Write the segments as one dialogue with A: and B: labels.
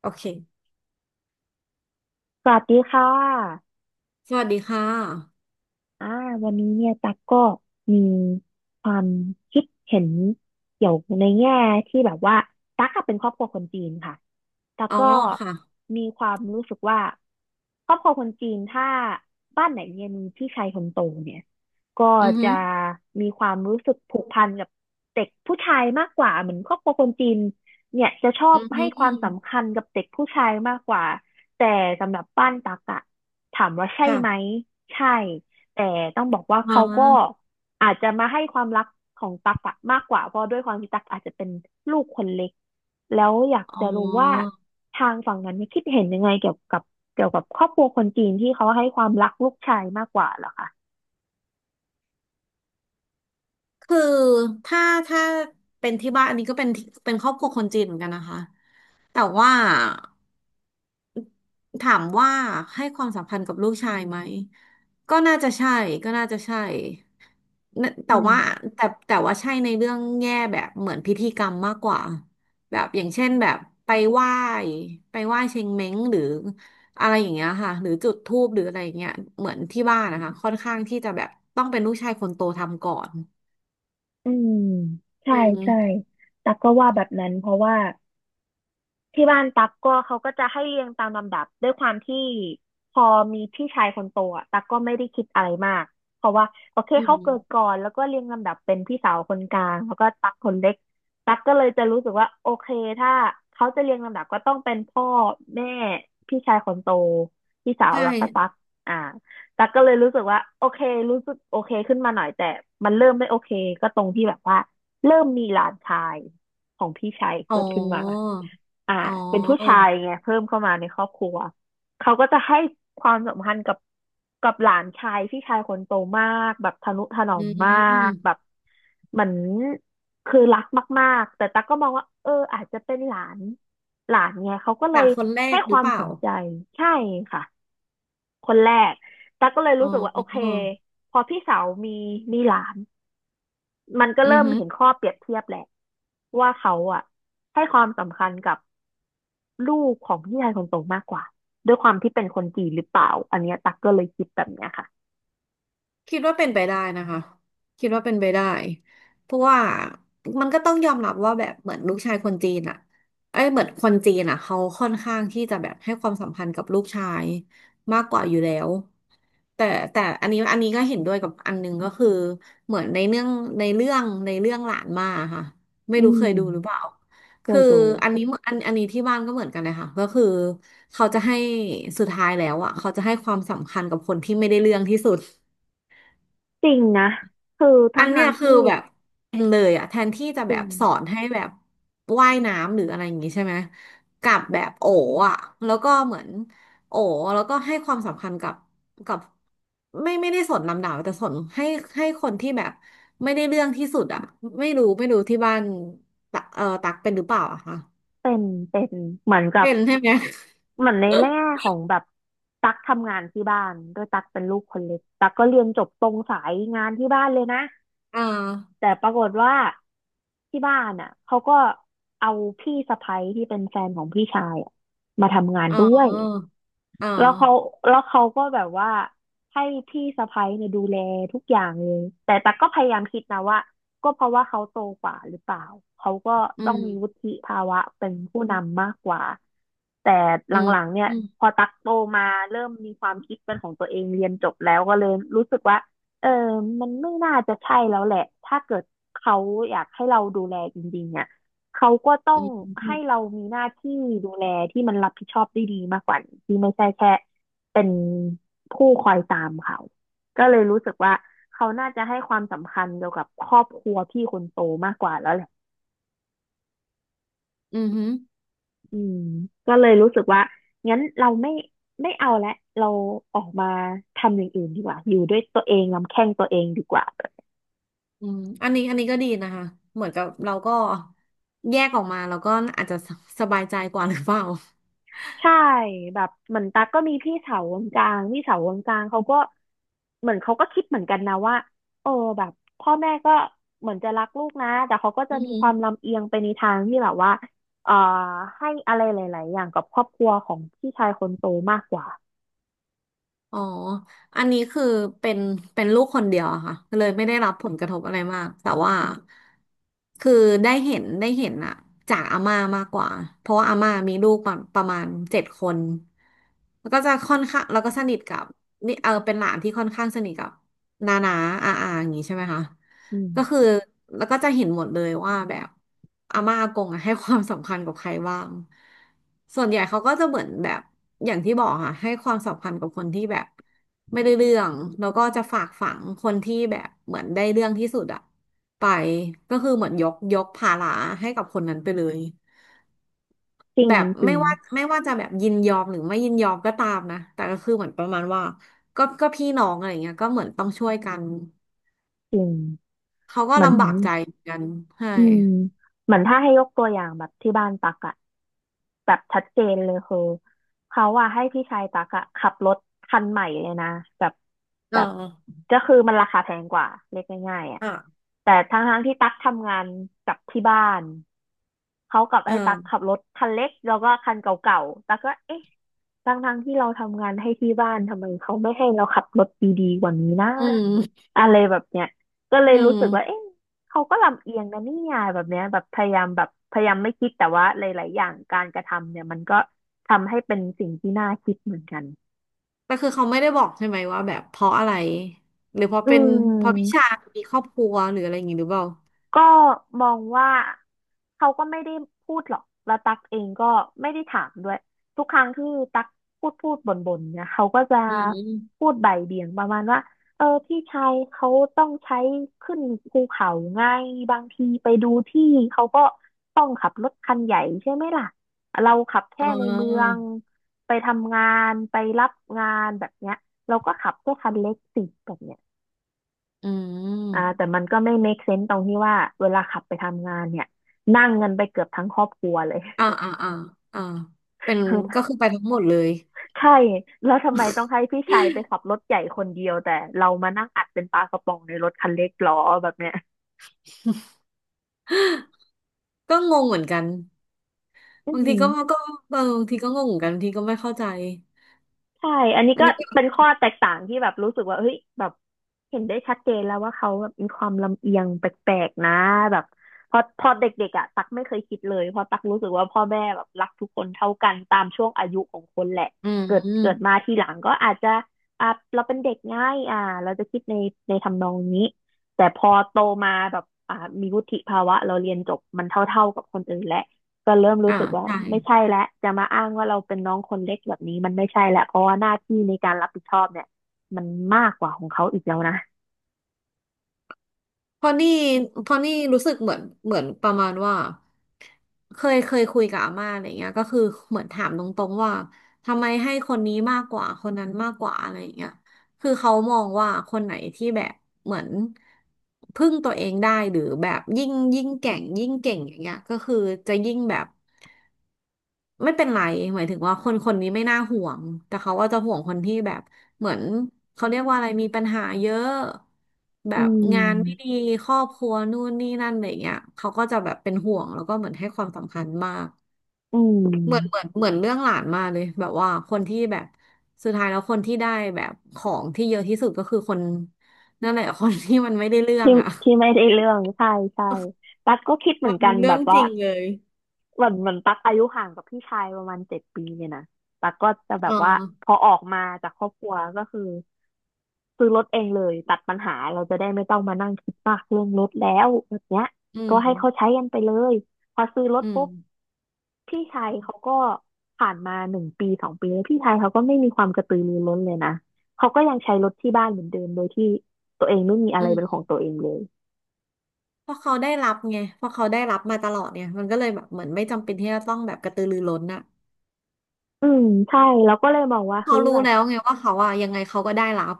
A: โอเค
B: สวัสดีค่ะ
A: สวัสดีค่ะ
B: อ่าวันนี้เนี่ยตั๊กก็มีความคิดเห็นเกี่ยวในแง่ที่แบบว่าตั๊กอะเป็นครอบครัวคนจีนค่ะตั๊ก
A: อ๋อ
B: ก็
A: ค่ะ
B: มีความรู้สึกว่าครอบครัวคนจีนถ้าบ้านไหนเนี่ยมีพี่ชายคนโตเนี่ยก็
A: อือหื
B: จะ
A: อ
B: มีความรู้สึกผูกพันกับเด็กผู้ชายมากกว่าเหมือนครอบครัวคนจีนเนี่ยจะชอ
A: อื
B: บ
A: อหื
B: ให้
A: อ
B: ความสำคัญกับเด็กผู้ชายมากกว่าแต่สำหรับบ้านตั๊กอะถามว่าใช่
A: ค่ะ
B: ไหมใช่ แต่ต้องบอกว่า
A: อ๋อ
B: เขาก็อาจจะมาให้ความรักของตั๊กอะมากกว่าเพราะด้วยความที่ตั๊กอาจจะเป็นลูกคนเล็กแล้วอยาก
A: อ๋อ
B: จะรู้ว่าทางฝั่งนั้นเนี่ยคิดเห็นยังไงเกี่ยวกับครอบครัวคนจีนที่เขาให้ความรักลูกชายมากกว่าเหรอคะ
A: คือ ถ้า ถ้า เป็นที่บ้านอันนี้ก็เป็นที่เป็นครอบครัวคนจีนเหมือนกันนะคะ แต่ว่า ถามว่าให้ความสัมพันธ์กับลูกชายไหมก็น่าจะใช่ก็น่าจะใช่น่ะแต่
B: อืม
A: ว่าแต่แต่ว่าใช่ในเรื่องแง่แบบเหมือนพิธีกรรมมากกว่าแบบอย่างเช่นแบบไปไหว้ไปไหว้เชงเม้งหรืออะไรอย่างเงี้ยค่ะหรือจุดธูปหรืออะไรอย่างเงี้ยเหมือนที่บ้านนะคะค่อนข้างที่จะแบบต้องเป็นลูกชายคนโตทำก่อน
B: อืมใช่
A: อื
B: ใช่
A: ม
B: ตักก็ว่าแบบนั้นเพราะว่า ที่บ้านตั๊กก็เขาก็จะให้เรียงตามลำดับด้วยความที่พอมีพี่ชายคนโตอ่ะตั๊กก็ไม่ได้คิดอะไรมากเพราะว่าโอเค
A: อื
B: เขาเกิด
A: ม
B: ก่อนแล้วก็เรียงลำดับเป็นพี่สาวคนกลางแล้วก็ตั๊กคนเล็กตั๊กก็เลยจะรู้สึกว่าโอเคถ้าเขาจะเรียงลำดับก็ต้องเป็นพ่อแม่พี่ชายคนโตพี่สาว
A: ใช่
B: แล้วก็ตั๊กอ่าตั๊กก็เลยรู้สึกว่าโอเครู้สึกโอเคขึ้นมาหน่อยแต่มันเริ่มไม่โอเคก็ตรงที่แบบว่าเริ่มมีหลานชายของพี่ชาย
A: อ๋อ
B: เกิดขึ้นมา อ่า
A: อ๋อ
B: เป็นผู้ชายไงเพิ่มเข้ามาในครอบครัวเขาก็จะให้ความสำคัญกับหลานชายพี่ชายคนโตมากแบบทนุถนอ
A: อื
B: มมาก
A: ม
B: แบบเหมือนคือรักมากๆแต่ตั๊กก็มองว่าเอออาจจะเป็นหลานหลานไงเขาก็เล
A: หนา
B: ย
A: งคนแร
B: ให้
A: กห
B: ค
A: รือ
B: วาม
A: เป
B: ส
A: ล่า
B: นใจใช่ค่ะคนแรกตั๊กก็เลย
A: อ๋
B: รู้สึกว่าโอ
A: อ
B: เคพอพี่สาวมีหลานมันก็
A: อือ
B: เริ่ม
A: ฮึ
B: เห็นข้อเปรียบเทียบแหละว่าเขาอ่ะให้ความสำคัญกับ ลูกของพี่ชายคนโตมากกว่าด้วยความที่เป็นคนจีนหรือเปล่าอันเนี้ยตักก็เลยคิดแบบเนี้ยค่ะ
A: คิดว่าเป็นไปได้นะคะคิดว่าเป็นไปได้เพราะว่ามันก็ต้องยอมรับว่าแบบเหมือนลูกชายคนจีนอ่ะไอ้ยเหมือนคนจีนอ่ะเขาค่อนข้างที่จะแบบให้ความสำคัญกับลูกชายมากกว่าอยู่แล้วแต่แต่อันนี้ก็เห็นด้วยกับอันหนึงก็คือเหมือนในเรื่องในเรื่องในเรื่องหลานมาค่ะไม่
B: อื
A: รู้เคย
B: ม
A: ดูหรือเปล่า
B: เค
A: คื
B: ย
A: อ
B: ดู
A: อันนี้เหมือนอันนี้ที่บ้านก็เหมือนกันเลยค่ะก็คือเขาจะให้สุดท้ายแล้วอ่ะเขาจะให้ความสำคัญกับคนที่ไม่ได้เรื่องที่สุด
B: จริงนะคือ
A: อั
B: ทั้ง
A: นเนี้
B: ทาง
A: ยคือ
B: ที่
A: แบบเป็นเลยอะแทนที่จะ
B: จ
A: แบ
B: ริง
A: บสอนให้แบบว่ายน้ำหรืออะไรอย่างงี้ใช่ไหมกลับแบบโอ๋อะแล้วก็เหมือนโอ๋แล้วก็ให้ความสำคัญกับกับไม่ได้สนลำดับแต่สนให้ให้คนที่แบบไม่ได้เรื่องที่สุดอะไม่รู้ที่บ้านตักเป็นหรือเปล่าอะคะ
B: เป็นเป็นเหมือนกับ
A: เป็นใช่ไหม
B: เหมือนในแง่ของแบบตักทำงานที่บ้านด้วยตักเป็นลูกคนเล็กตักก็เรียนจบตรงสายงานที่บ้านเลยนะ
A: อ่า
B: แต่ปรากฏว่าที่บ้านอ่ะเขาก็เอาพี่สะใภ้ที่เป็นแฟนของพี่ชายอะมาทำงาน
A: อ๋
B: ด้วย
A: ออ๋อ
B: แล้วเขาก็แบบว่าให้พี่สะใภ้เนี่ยดูแลทุกอย่างเลยแต่แต่กก็พยายามคิดนะว่าก็เพราะว่าเขาโตกว่าหรือเปล่าเขาก็
A: อื
B: ต้องมีวุ
A: ม
B: ฒิภาวะเป็นผู้นำมากกว่าแต่หล
A: อืม
B: ังๆเนี่ย
A: อืม
B: พอตักโตมาเริ่มมีความคิดเป็นของตัวเองเรียนจบแล้วก็เลยรู้สึกว่าเออมันไม่น่าจะใช่แล้วแหละ ถ้าเกิดเขาอยากให้เราดูแลจริงๆอ่ะ เขาก็ต้อ
A: อื
B: ง
A: มอื
B: ให้
A: ม
B: เรามีหน้าที่ดูแลที่มันรับผิดชอบได้ดีมากกว่านี้ที่ไม่ใช่แค่เป็นผู้คอยตามเขาก็เลยรู้สึกว่าเขาน่าจะให้ความสำคัญเกี่ยวกับครอบครัวพี่คนโตมากกว่าแล้วแหละ
A: อืม
B: อืมก็เลยรู้สึกว่างั้นเราไม่เอาละเราออกมาทำอย่างอื่นดีกว่าอยู่ด้วยตัวเองลำแข้งตัวเองดีกว่า
A: อืมอันนี้อันนี้ก็ดีนะคะเหมือนกับเราก็แยกออกมาแล้วก็อาจจะสบายใจกว่าหรือเปล่า
B: ใช่แบบเหมือนตั๊กก็มีพี่สาววงกลางพี่สาววงกลางเขาก็เหมือนเขาก็คิดเหมือนกันนะว่าเออแบบพ่อแม่ก็เหมือนจะรักลูกนะแต่เขาก็จะ
A: อือ
B: มี
A: หือ
B: ความลำเอียงไปในทางที่แบบว่าเอ่อให้อะไรหลายๆอย่างกับครอบครัวของพี่ชายคนโตมากกว่า
A: อ๋ออันนี้คือเป็นเป็นลูกคนเดียวอะค่ะเลยไม่ได้รับผลกระทบอะไรมากแต่ว่าคือได้เห็นอะจากอาม่ามากกว่าเพราะว่าอาม่ามีลูกประประมาณเจ็ดคนแล้วก็จะค่อนข้างแล้วก็สนิทกับนี่เป็นหลานที่ค่อนข้างสนิทกับ หนาๆาอาอาอย่างงี้ใช่ไหมคะ
B: อื
A: ก็คือ
B: ม
A: แล้วก็จะเห็นหมดเลยว่าแบบอาม่าอากงอะ ให้ความสำคัญกับใครบ้าง ส่วนใหญ่เขาก็จะเหมือนแบบอย่างที่บอกค่ะให้ความสำคัญกับคนที่แบบไม่ได้เรื่อง แล้วก็จะฝากฝังคนที่แบบเหมือนได้เรื่องที่สุดอะไป ก็คือเหมือนยกภาระให้กับคนนั้นไปเลย
B: จริ
A: แบ
B: ง
A: บ
B: จริ
A: ไม่
B: ง
A: ว่าไม่ว่าจะแบบยินยอมหรือไม่ยินยอมก็ตามนะ แต่ก็คือเหมือนประมาณว่าก็พี่น้องอะไรเงี้ยก็เหมือนต้องช่วยกัน
B: จริง
A: เขาก็
B: เหมือน
A: ลำบากใจเหมือนกันใช่
B: อืมเหมือนถ้าให้ยกตัวอย่างแบบที่บ้านตักอะแบบชัดเจนเลยคือเขาอะให้พี่ชายตักอะขับรถคันใหม่เลยนะแบบ
A: เอ๋
B: แบ
A: อ
B: บก็คือมันราคาแพงกว่าเรียกง่ายๆอะ
A: อ่ะ
B: แต่ทั้งที่ตักทำงานกับที่บ้านเขากลับ
A: เอ่า
B: ให้ตักขับรถคันเล็กแล้วก็คันเก่าๆตักก็เอ๊ะ ทั้งที่เราทำงานให้ที่บ้านทำไมเขาไม่ให้เราขับรถดีๆกว่านี้นะ
A: อืม
B: อะไรแบบเนี้ยก็เลย
A: อื
B: รู้สึกว่า
A: ม
B: เอ๊ะเขาก็ลำเอียงนะเนี่ยแบบเนี้ยแบบพยายามแบบพยายามไม่คิดแต่ว่าหลายๆอย่างการกระทำเนี่ยมันก็ทำให้เป็นสิ่งที่น่าคิดเหมือนกัน
A: แต่คือเขาไม่ได้บอกใช่ไหมว่าแบบเพราะอะไรหรือเพราะ
B: อื
A: เป็นเพราะพี่ชาย
B: ม
A: มีครอบครัวหรืออะไรอย่างงี้หรือเปล่า
B: ก็มองว่าเขาก็ไม่ได้พูดหรอกแล้วตักเองก็ไม่ได้ถามด้วยทุกครั้งที่ตักพูดบ่นเนี่ยเขาก็จะ
A: อื
B: พู
A: ม
B: ดบ่ายเบี่ยงประมาณว่าเออพี่ชายเขาต้องใช้ขึ้นภูเขาไงบางทีไปดูที่เขาก็ต้องขับรถคันใหญ่ใช่ไหมล่ะเราขับแค่
A: อ่
B: ในเมือ
A: า
B: งไปทำงานไปรับงานแบบเนี้ยเราก็ขับแค่คันเล็กสิแบบเนี้ย
A: อื
B: แต่
A: ม
B: มันก็ไม่ make sense ตรงที่ว่าเวลาขับไปทำงานเนี่ยนั่งเงินไปเกือบทั้งครอบครัวเลย
A: อ่าอ่าอ่าอ่าเป็น ก็คือไปทั้งหมดเลย
B: ใช่แล้วทำไมต้องให้พี่ชายไปขับรถใหญ่คนเดียวแต่เรามานั่งอัดเป็นปลากระป๋องในรถคันเล็กหรอแบบเนี้ย
A: ก็งงเหมือนกัน
B: อื
A: บางทีก็
B: ม
A: ก็เออบางทีก็งงเหมือนกันบางทีก็ไม่เข้าใจ
B: ใช่อันนี้
A: อัน
B: ก็
A: นี้ก็
B: เป็นข้อแตกต่างที่แบบรู้สึกว่าเฮ้ยแบบเห็นได้ชัดเจนแล้วว่าเขาแบบมีความลำเอียงแปลกๆนะแบบพอเด็กๆอ่ะตักไม่เคยคิดเลยเพราะตักรู้สึกว่าพ่อแม่แบบรักทุกคนเท่ากันตามช่วงอายุของคนแหละ
A: อื
B: เกิดมา
A: ม
B: ทีหลังก็อาจจะอ่ะเราเป็นเด็กง่ายเราจะคิดในทำนองนี้แต่พอโตมาแบบมีวุฒิภาวะเราเรียนจบมันเท่าๆกับคนอื่นแหละ ก็เริ่มรู้
A: อ่า
B: สึกว่า
A: ใช่
B: ไม่ใช่แล้วจะมาอ้างว่าเราเป็นน้องคนเล็กแบบนี้มันไม่ใช่แล้วเพราะว่าหน้าที่ในการรับผิดชอบเนี่ยมันมากกว่าของเขาอีกแล้วนะ
A: พอนี่พอนี่รู้สึกเหมือนเหมือนประมาณว่าเคยคุยกับอาม่าอะไรเงี้ยก็คือเหมือนถามตรงๆว่าทำไมให้คนนี้มากกว่าคนนั้นมากกว่าอะไรเงี้ยคือเขามองว่าคนไหนที่แบบเหมือนพึ่งตัวเองได้หรือแบบยิ่งแก่งยิ่งเก่งอย่างเงี้ยก็คือจะยิ่งแบบ ไม่เป็นไรหมายถึงว่าคนคนนี้ไม่น่าห่วงแต่เขาก็จะห่วงคนที่แบบเหมือนเขาเรียกว่าอะไรมีปัญหาเยอะแบ
B: อื
A: บงานไม่ดี
B: ม
A: ครอบครัวนู่นนี่นั่นอะไรอย่างเงี้ยเขาก็จะแบบเป็นห่วงแล้วก็เหมือนให้ความสำคัญมาก
B: อื
A: เหมือนเหมือ
B: ม
A: นเหมือนเรื่องหลานมาเลยแบบว่าคนที่แบบสุดท้ายแล้วคนที่ได้แบบของที่เยอะที่สุดก็คือคนนั่นแหละ คนที่มันไม่ได้เรื่อง
B: ที่
A: อ่ะ
B: ที่ไม่ได้เรื่องใช่ใช่ตั๊กก็คิดเห มือ
A: ว่า
B: นกั
A: มั
B: น
A: นเรื่
B: แบ
A: อง
B: บ
A: จ
B: ว่า
A: ริงเลย
B: เหมือนตั๊กอายุห่างกับพี่ชายประมาณเจ็ดปีเนี่ยนะตั๊กก็จะแบ
A: อ๋
B: บว่า
A: อ
B: พอออกมาจากครอบครัวก็คือซื้อรถเองเลยตัดปัญหาเราจะได้ไม่ต้องมานั่งคิดมากเรื่องรถแล้วแบบเนี้ย
A: อื
B: ก็ให้เขา
A: ม
B: ใช้กันไปเลยพอซื้อรถ
A: อืม
B: ปุ๊บ พี่ชายเขาก็ผ่านมาหนึ่งปีสองปีแล้วพี่ชายเขาก็ไม่มีความกระตือรือร้นเลยนะเขาก็ยังใช้รถที่บ้านเหมือนเดิมโดยที่ตัวเองไม่มีอะ
A: อื
B: ไร
A: ม
B: เป็นของตัวเองเลย
A: เพราะเขาได้รับไงเพราะเขาได้รับมาตลอดเนี่ยมันก็เลยแบบเหมือนไม่จำเป็นที่จะต้องแบบกระตือรือร้นนะ
B: อืมใช่เราก็เลยมองว่า
A: เขา
B: เฮ้ย
A: รู้
B: แบบ
A: แล้วไงว่าเขาอะยังไงเขาก็ได้รับ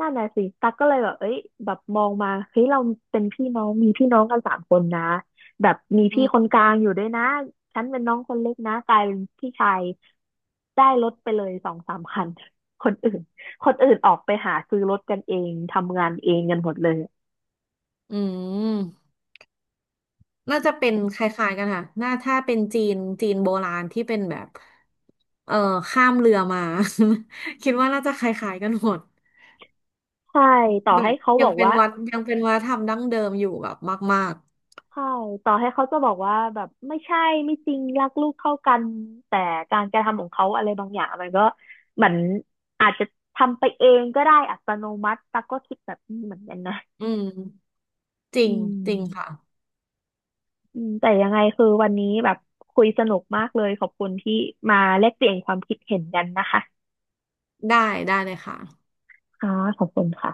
B: นั่นน่ะสิตั๊กก็เลยแบบเอ้ยแบบมองมาเฮ้ยเราเป็นพี่น้องมีพี่น้องกันสามคนนะแบบมี
A: อื
B: พี่คน
A: ม
B: กลางอยู่ด้วยนะฉันเป็นน้องคนเล็กนะกลายเป็นพี่ชายได้รถไปเลยสองสามคันคนอื่นคนอื่นออกไปหาซื้อรถกันเองทำงานเองกันหมดเลย
A: อืม น่าจะเป็นคล้ายๆกันค่ะ น่าถ้าเป็นจีนจีนโบราณที่เป็นแบบเอ่อ ข้ามเรือมา คิดว่าน่าจะคล้ายๆกันหมด
B: ใช่ต่อ
A: แบบ
B: ให้เขา
A: ยั
B: บ
A: ง
B: อก
A: เป็น
B: ว่า
A: วัดยังเป็นวัฒนธรรมดั้งเดิมอยู่แบบมาก
B: ใช่ต่อให้เขาจะบอกว่าแบบไม่ใช่ไม่จริงรักลูกเท่ากันแต่การกระทำของเขาอะไรบางอย่างมันก็เหมือนอาจจะทำไปเองก็ได้อัตโนมัติตักก็คิดแบบนี้เหมือนกันนะ
A: ๆอืมจริ
B: อื
A: ง
B: ม
A: จริงค่ะ
B: อืมแต่ยังไงคือวันนี้แบบคุยสนุกมากเลยขอบคุณที่มาแลกเปลี่ยนความคิดเห็นกันนะคะ
A: ได้ได้เลยค่ะ
B: ค่ะขอบคุณค่ะ